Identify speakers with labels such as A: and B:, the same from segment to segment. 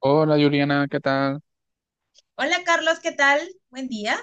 A: Hola Juliana, ¿qué tal?
B: Hola Carlos, ¿qué tal? Buen día.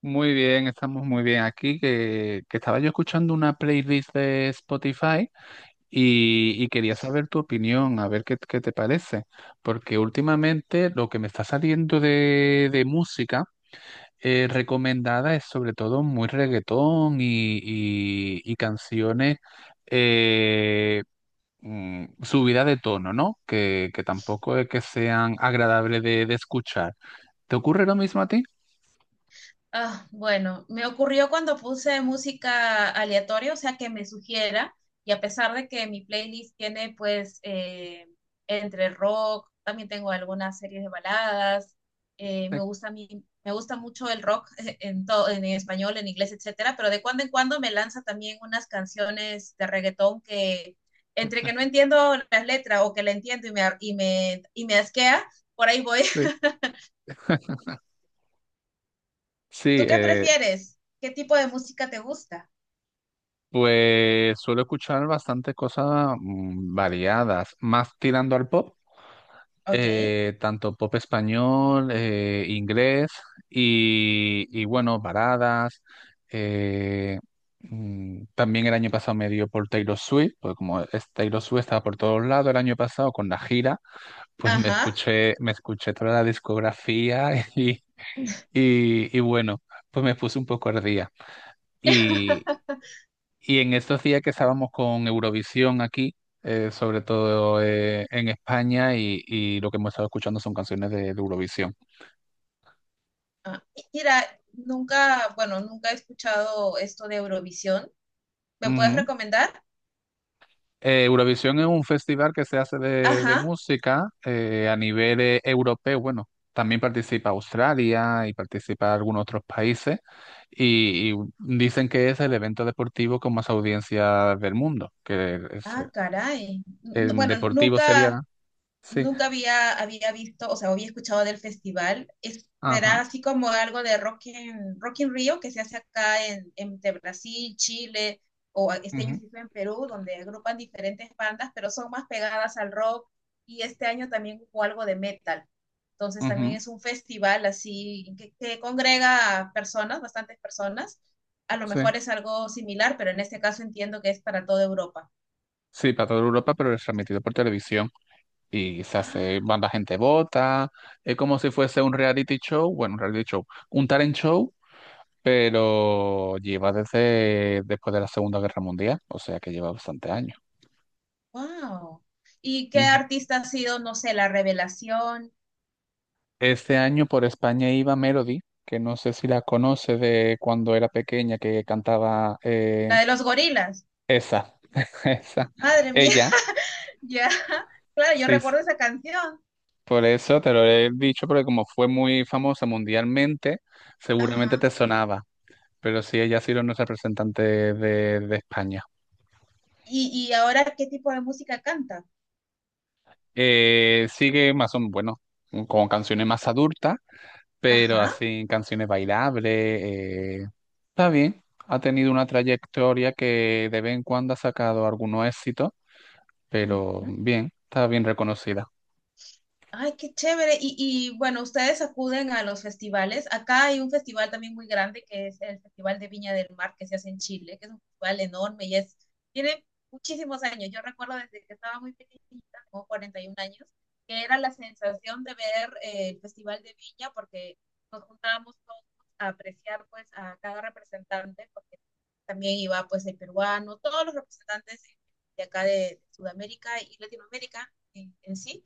A: Muy bien, estamos muy bien aquí, que estaba yo escuchando una playlist de Spotify y quería saber tu opinión, a ver qué te parece, porque últimamente lo que me está saliendo de música recomendada es sobre todo muy reggaetón y canciones eh, subida de tono, ¿no? Que tampoco es que sean agradables de escuchar. ¿Te ocurre lo mismo a ti?
B: Bueno, Me ocurrió cuando puse música aleatoria, o sea, que me sugiera, y a pesar de que mi playlist tiene entre rock, también tengo algunas series de baladas, me gusta me gusta mucho el rock en todo, en español, en inglés, etcétera, pero de cuando en cuando me lanza también unas canciones de reggaetón que entre que no entiendo las letras o que la entiendo y me, ar- y me asquea, por ahí voy.
A: Sí.
B: ¿Tú qué prefieres? ¿Qué tipo de música te gusta?
A: Pues suelo escuchar bastante cosas variadas, más tirando al pop,
B: Ok,
A: tanto pop español, inglés y bueno, baladas. eh, También el año pasado me dio por Taylor Swift, porque como es Taylor Swift estaba por todos lados el año pasado con la gira, pues
B: ajá.
A: me escuché toda la discografía y, y bueno, pues me puse un poco al día. Y, Y en estos días que estábamos con Eurovisión aquí, sobre todo en España, y lo que hemos estado escuchando son canciones de Eurovisión.
B: Ah, mira, nunca he escuchado esto de Eurovisión. ¿Me puedes
A: Ujú.
B: recomendar?
A: Eurovisión es un festival que se hace de
B: Ajá.
A: música a nivel europeo. Bueno, también participa Australia y participa algunos otros países, y dicen que es el evento deportivo con más audiencia del mundo, que es
B: Ah, caray.
A: el deportivo sería...
B: Nunca.
A: Sí,
B: Había visto, o sea, había escuchado del festival. Será
A: ajá.
B: así como algo de Rock in Rio que se hace acá en, entre Brasil, Chile, o este año
A: Ujú,
B: se hizo en Perú, donde agrupan diferentes bandas, pero son más pegadas al rock. Y este año también hubo algo de metal. Entonces también
A: ujú,
B: es un festival así que congrega a personas, bastantes personas. A lo
A: sí.
B: mejor es algo similar, pero en este caso entiendo que es para toda Europa.
A: Sí, para toda Europa, pero es transmitido por televisión y se hace,
B: Ah,
A: van la gente vota, es como si fuese un reality show, bueno, un reality show, un talent show, pero lleva desde después de la Segunda Guerra Mundial, o sea que lleva bastante años.
B: wow. ¿Y qué
A: Ujú.
B: artista ha sido, no sé, la revelación?
A: Este año por España iba Melody, que no sé si la conoce de cuando era pequeña, que cantaba
B: La de los gorilas.
A: esa, esa,
B: Madre mía,
A: ella,
B: ya. Claro, yo
A: sí.
B: recuerdo esa canción.
A: Por eso te lo he dicho, porque como fue muy famosa mundialmente, seguramente te
B: Ajá.
A: sonaba. Pero sí, ella ha sido nuestra representante de España.
B: Y ahora qué tipo de música canta?
A: Sigue más o menos, bueno, con canciones más adultas, pero
B: Ajá.
A: así canciones bailables. eh, Está bien, ha tenido una trayectoria que de vez en cuando ha sacado algunos éxitos, pero
B: Ujú.
A: bien, está bien reconocida.
B: Ay, qué chévere. Y bueno, ustedes acuden a los festivales. Acá hay un festival también muy grande que es el Festival de Viña del Mar que se hace en Chile, que es un festival enorme tiene muchísimos años. Yo recuerdo desde que estaba muy pequeñita, como 41 años, que era la sensación de ver el Festival de Viña porque nos juntábamos todos a apreciar pues a cada representante, porque también iba pues el peruano, todos los representantes de acá de Sudamérica y Latinoamérica en sí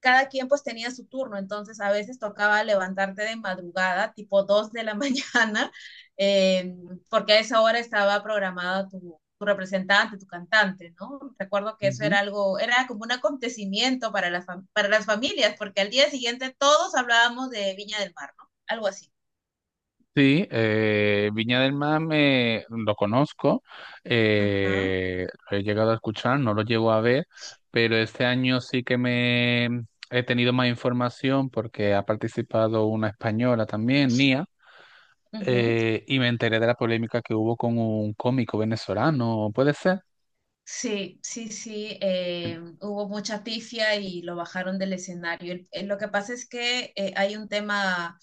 B: cada quien pues tenía su turno, entonces a veces tocaba levantarte de madrugada, tipo 2 de la mañana, eh, porque a esa hora estaba programado tu representante, tu cantante, ¿no? Recuerdo que eso
A: Ujú.
B: era algo, era como un acontecimiento para para las familias, porque al día siguiente todos hablábamos de Viña del Mar, ¿no? Algo así.
A: Sí, Viña del Mar lo conozco,
B: Ajá.
A: lo he llegado a escuchar, no lo llego a ver, pero este año sí que me he tenido más información porque ha participado una española también, Nia,
B: Uh -huh.
A: y me enteré de la polémica que hubo con un cómico venezolano, ¿puede ser?
B: Sí, sí, sí, hubo mucha pifia y lo bajaron del escenario. Lo que pasa es que hay un tema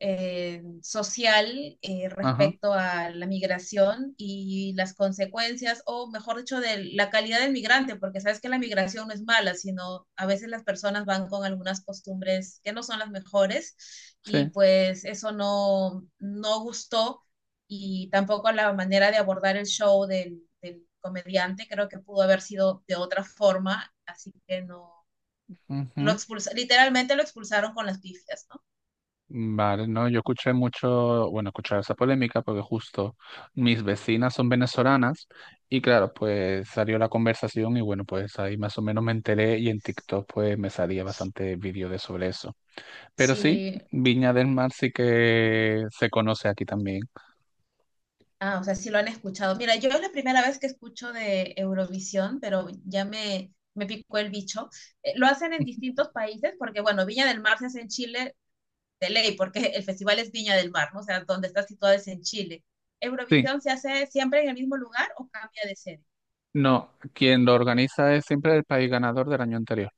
B: social
A: Ajá,
B: respecto a la migración y las consecuencias, o mejor dicho, de la calidad del migrante, porque sabes que la migración no es mala, sino a veces las personas van con algunas costumbres que no son las mejores y
A: sí.
B: pues eso no gustó y tampoco la manera de abordar el show del comediante creo que pudo haber sido de otra forma, así que no, lo
A: Ujú.
B: expulsa, literalmente lo expulsaron con las pifias, ¿no?
A: Vale, no, yo escuché mucho, bueno, escuché esa polémica porque justo mis vecinas son venezolanas y claro, pues salió la conversación y bueno, pues ahí más o menos me enteré y en TikTok pues me salía bastante vídeo de sobre eso. Pero sí,
B: Sí,
A: Viña del Mar sí que se conoce aquí también.
B: ah, o sea, sí lo han escuchado. Mira, yo es la primera vez que escucho de Eurovisión, pero me picó el bicho. Lo hacen en distintos países, porque bueno, Viña del Mar se hace en Chile de ley, porque el festival es Viña del Mar, ¿no? O sea, donde está situado es en Chile.
A: Sí,
B: ¿Eurovisión se hace siempre en el mismo lugar o cambia de sede?
A: no, quien lo organiza es siempre el país ganador del año anterior.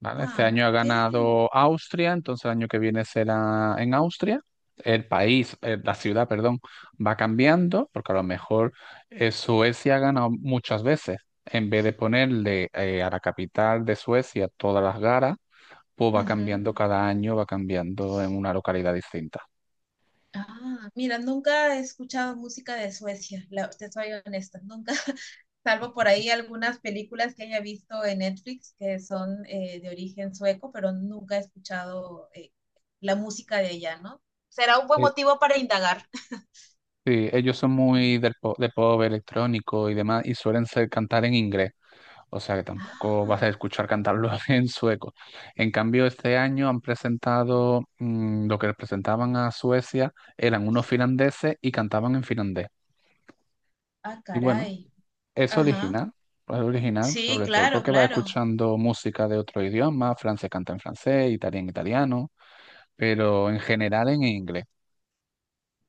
A: ¿Vale? Este
B: Ah,
A: año ha
B: ok.
A: ganado Austria, entonces el año que viene será en Austria. El país, la ciudad, perdón, va cambiando, porque a lo mejor Suecia ha ganado muchas veces. En vez de ponerle a la capital de Suecia todas las garas, pues va
B: Ujú.
A: cambiando cada año, va cambiando en una localidad distinta.
B: Ah, mira, nunca he escuchado música de Suecia, te soy honesta, nunca. Salvo por ahí algunas películas que haya visto en Netflix que son de origen sueco, pero nunca he escuchado la música de ella, ¿no? Será un buen
A: Eh,
B: motivo para indagar.
A: Sí, ellos son muy del pop, de pop electrónico y demás, y suelen ser, cantar en inglés. O sea que tampoco vas a
B: Ah,
A: escuchar cantarlo en sueco. En cambio, este año han presentado lo que presentaban a Suecia, eran unos finlandeses y cantaban en finlandés.
B: ah,
A: Y bueno,
B: caray.
A: es
B: Ajá.
A: original, es original
B: Sí,
A: sobre todo
B: claro,
A: porque vas
B: claro.
A: escuchando música de otro idioma, Francia canta en francés, italiano en italiano, pero en general en inglés.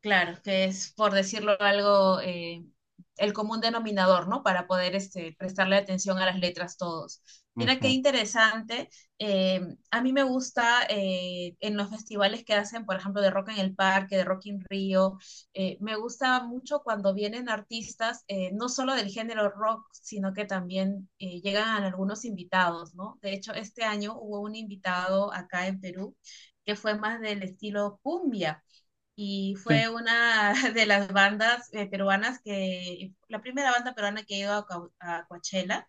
B: Claro, que es, por decirlo algo, el común denominador, ¿no? Para poder este, prestarle atención a las letras todos. Mira qué
A: Ujú,
B: interesante. eh, a mí me gusta en los festivales que hacen, por ejemplo, de Rock en el Parque, de Rock in Río. Me gusta mucho cuando vienen artistas, no solo del género rock, sino que también llegan algunos invitados, ¿no? De hecho, este año hubo un invitado acá en Perú que fue más del estilo cumbia y
A: sí,
B: fue una de las bandas peruanas que, la primera banda peruana que a Coachella.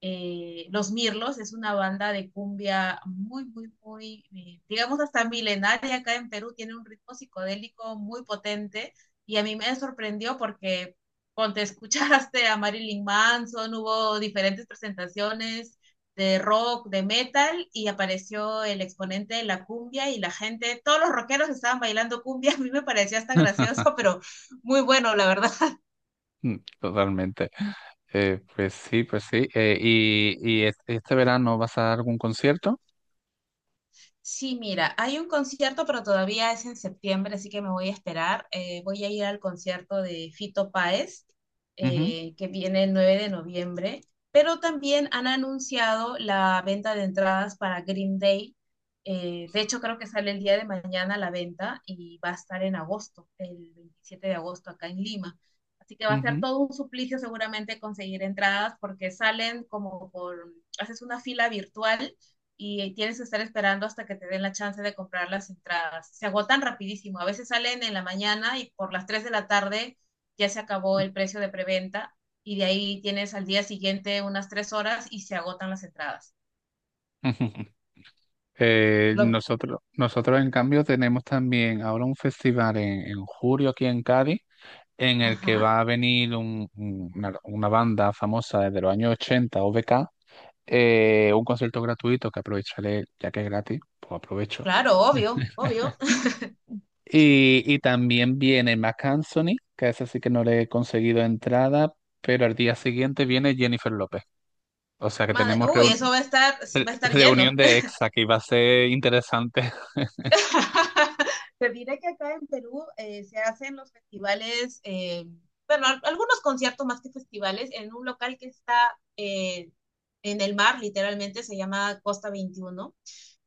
B: Los Mirlos es una banda de cumbia muy, muy, muy, digamos hasta milenaria acá en Perú, tiene un ritmo psicodélico muy potente y a mí me sorprendió porque, cuando te escuchaste a Marilyn Manson, hubo diferentes presentaciones de rock, de metal, y apareció el exponente de la cumbia y la gente, todos los rockeros estaban bailando cumbia, a mí me parecía hasta gracioso, pero muy bueno, la verdad.
A: totalmente. Pues sí, pues sí. ¿Este verano vas a dar algún concierto?
B: Sí, mira, hay un concierto, pero todavía es en septiembre, así que me voy a esperar. Voy a ir al concierto de Fito Páez,
A: Ujú,
B: que viene el 9 de noviembre, pero también han anunciado la venta de entradas para Green Day. De hecho, creo que sale el día de mañana la venta y va a estar en agosto, el 27 de agosto, acá en Lima. Así que va a ser
A: ujú.
B: todo un suplicio seguramente conseguir entradas porque salen haces una fila virtual y tienes que estar esperando hasta que te den la chance de comprar las entradas. Se agotan rapidísimo, a veces salen en la mañana y por las 3 de la tarde ya se acabó el precio de preventa y de ahí tienes al día siguiente unas 3 horas y se agotan las entradas.
A: Ujú.
B: No.
A: Nosotros, en cambio, tenemos también ahora un festival en julio aquí en Cádiz, en el que
B: Ajá,
A: va a venir una banda famosa desde los años 80, OBK, un concierto gratuito que aprovecharé, ya que es gratis, pues aprovecho.
B: claro, obvio, obvio.
A: Y también viene Marc Anthony, que ese sí que no le he conseguido entrada, pero al día siguiente viene Jennifer López. O sea que
B: Madre,
A: tenemos
B: uy,
A: reun-
B: eso
A: re-
B: va a estar
A: reunión
B: lleno.
A: de ex aquí, va a ser interesante.
B: Te diré que acá en Perú se hacen los festivales, algunos conciertos más que festivales, en un local que está en el mar, literalmente, se llama Costa 21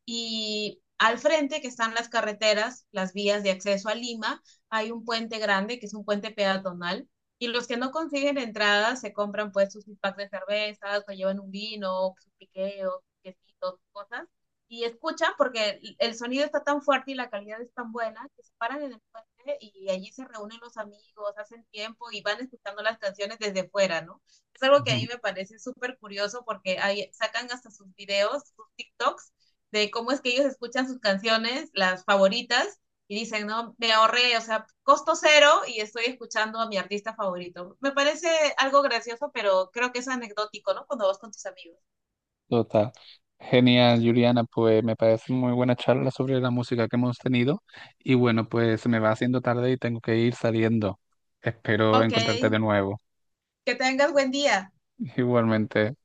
B: y al frente, que están las carreteras, las vías de acceso a Lima, hay un puente grande, que es un puente peatonal, y los que no consiguen entradas se compran pues sus packs de cervezas, o llevan un vino, sus piqueos, quesito, cosas, y escuchan porque el sonido está tan fuerte y la calidad es tan buena que se paran en el puente y allí se reúnen los amigos, hacen tiempo y van escuchando las canciones desde fuera, ¿no? Es algo que a mí me parece súper curioso porque ahí sacan hasta sus videos, sus TikToks de cómo es que ellos escuchan sus canciones, las favoritas, y dicen, no, me ahorré, o sea, costo cero y estoy escuchando a mi artista favorito. Me parece algo gracioso, pero creo que es anecdótico, ¿no? Cuando vas con tus amigos.
A: Total. Genial, Juliana, pues me parece muy buena charla sobre la música que hemos tenido y bueno, pues se me va haciendo tarde y tengo que ir saliendo. Espero
B: Ok,
A: encontrarte de nuevo.
B: que tengas buen día.
A: Igualmente.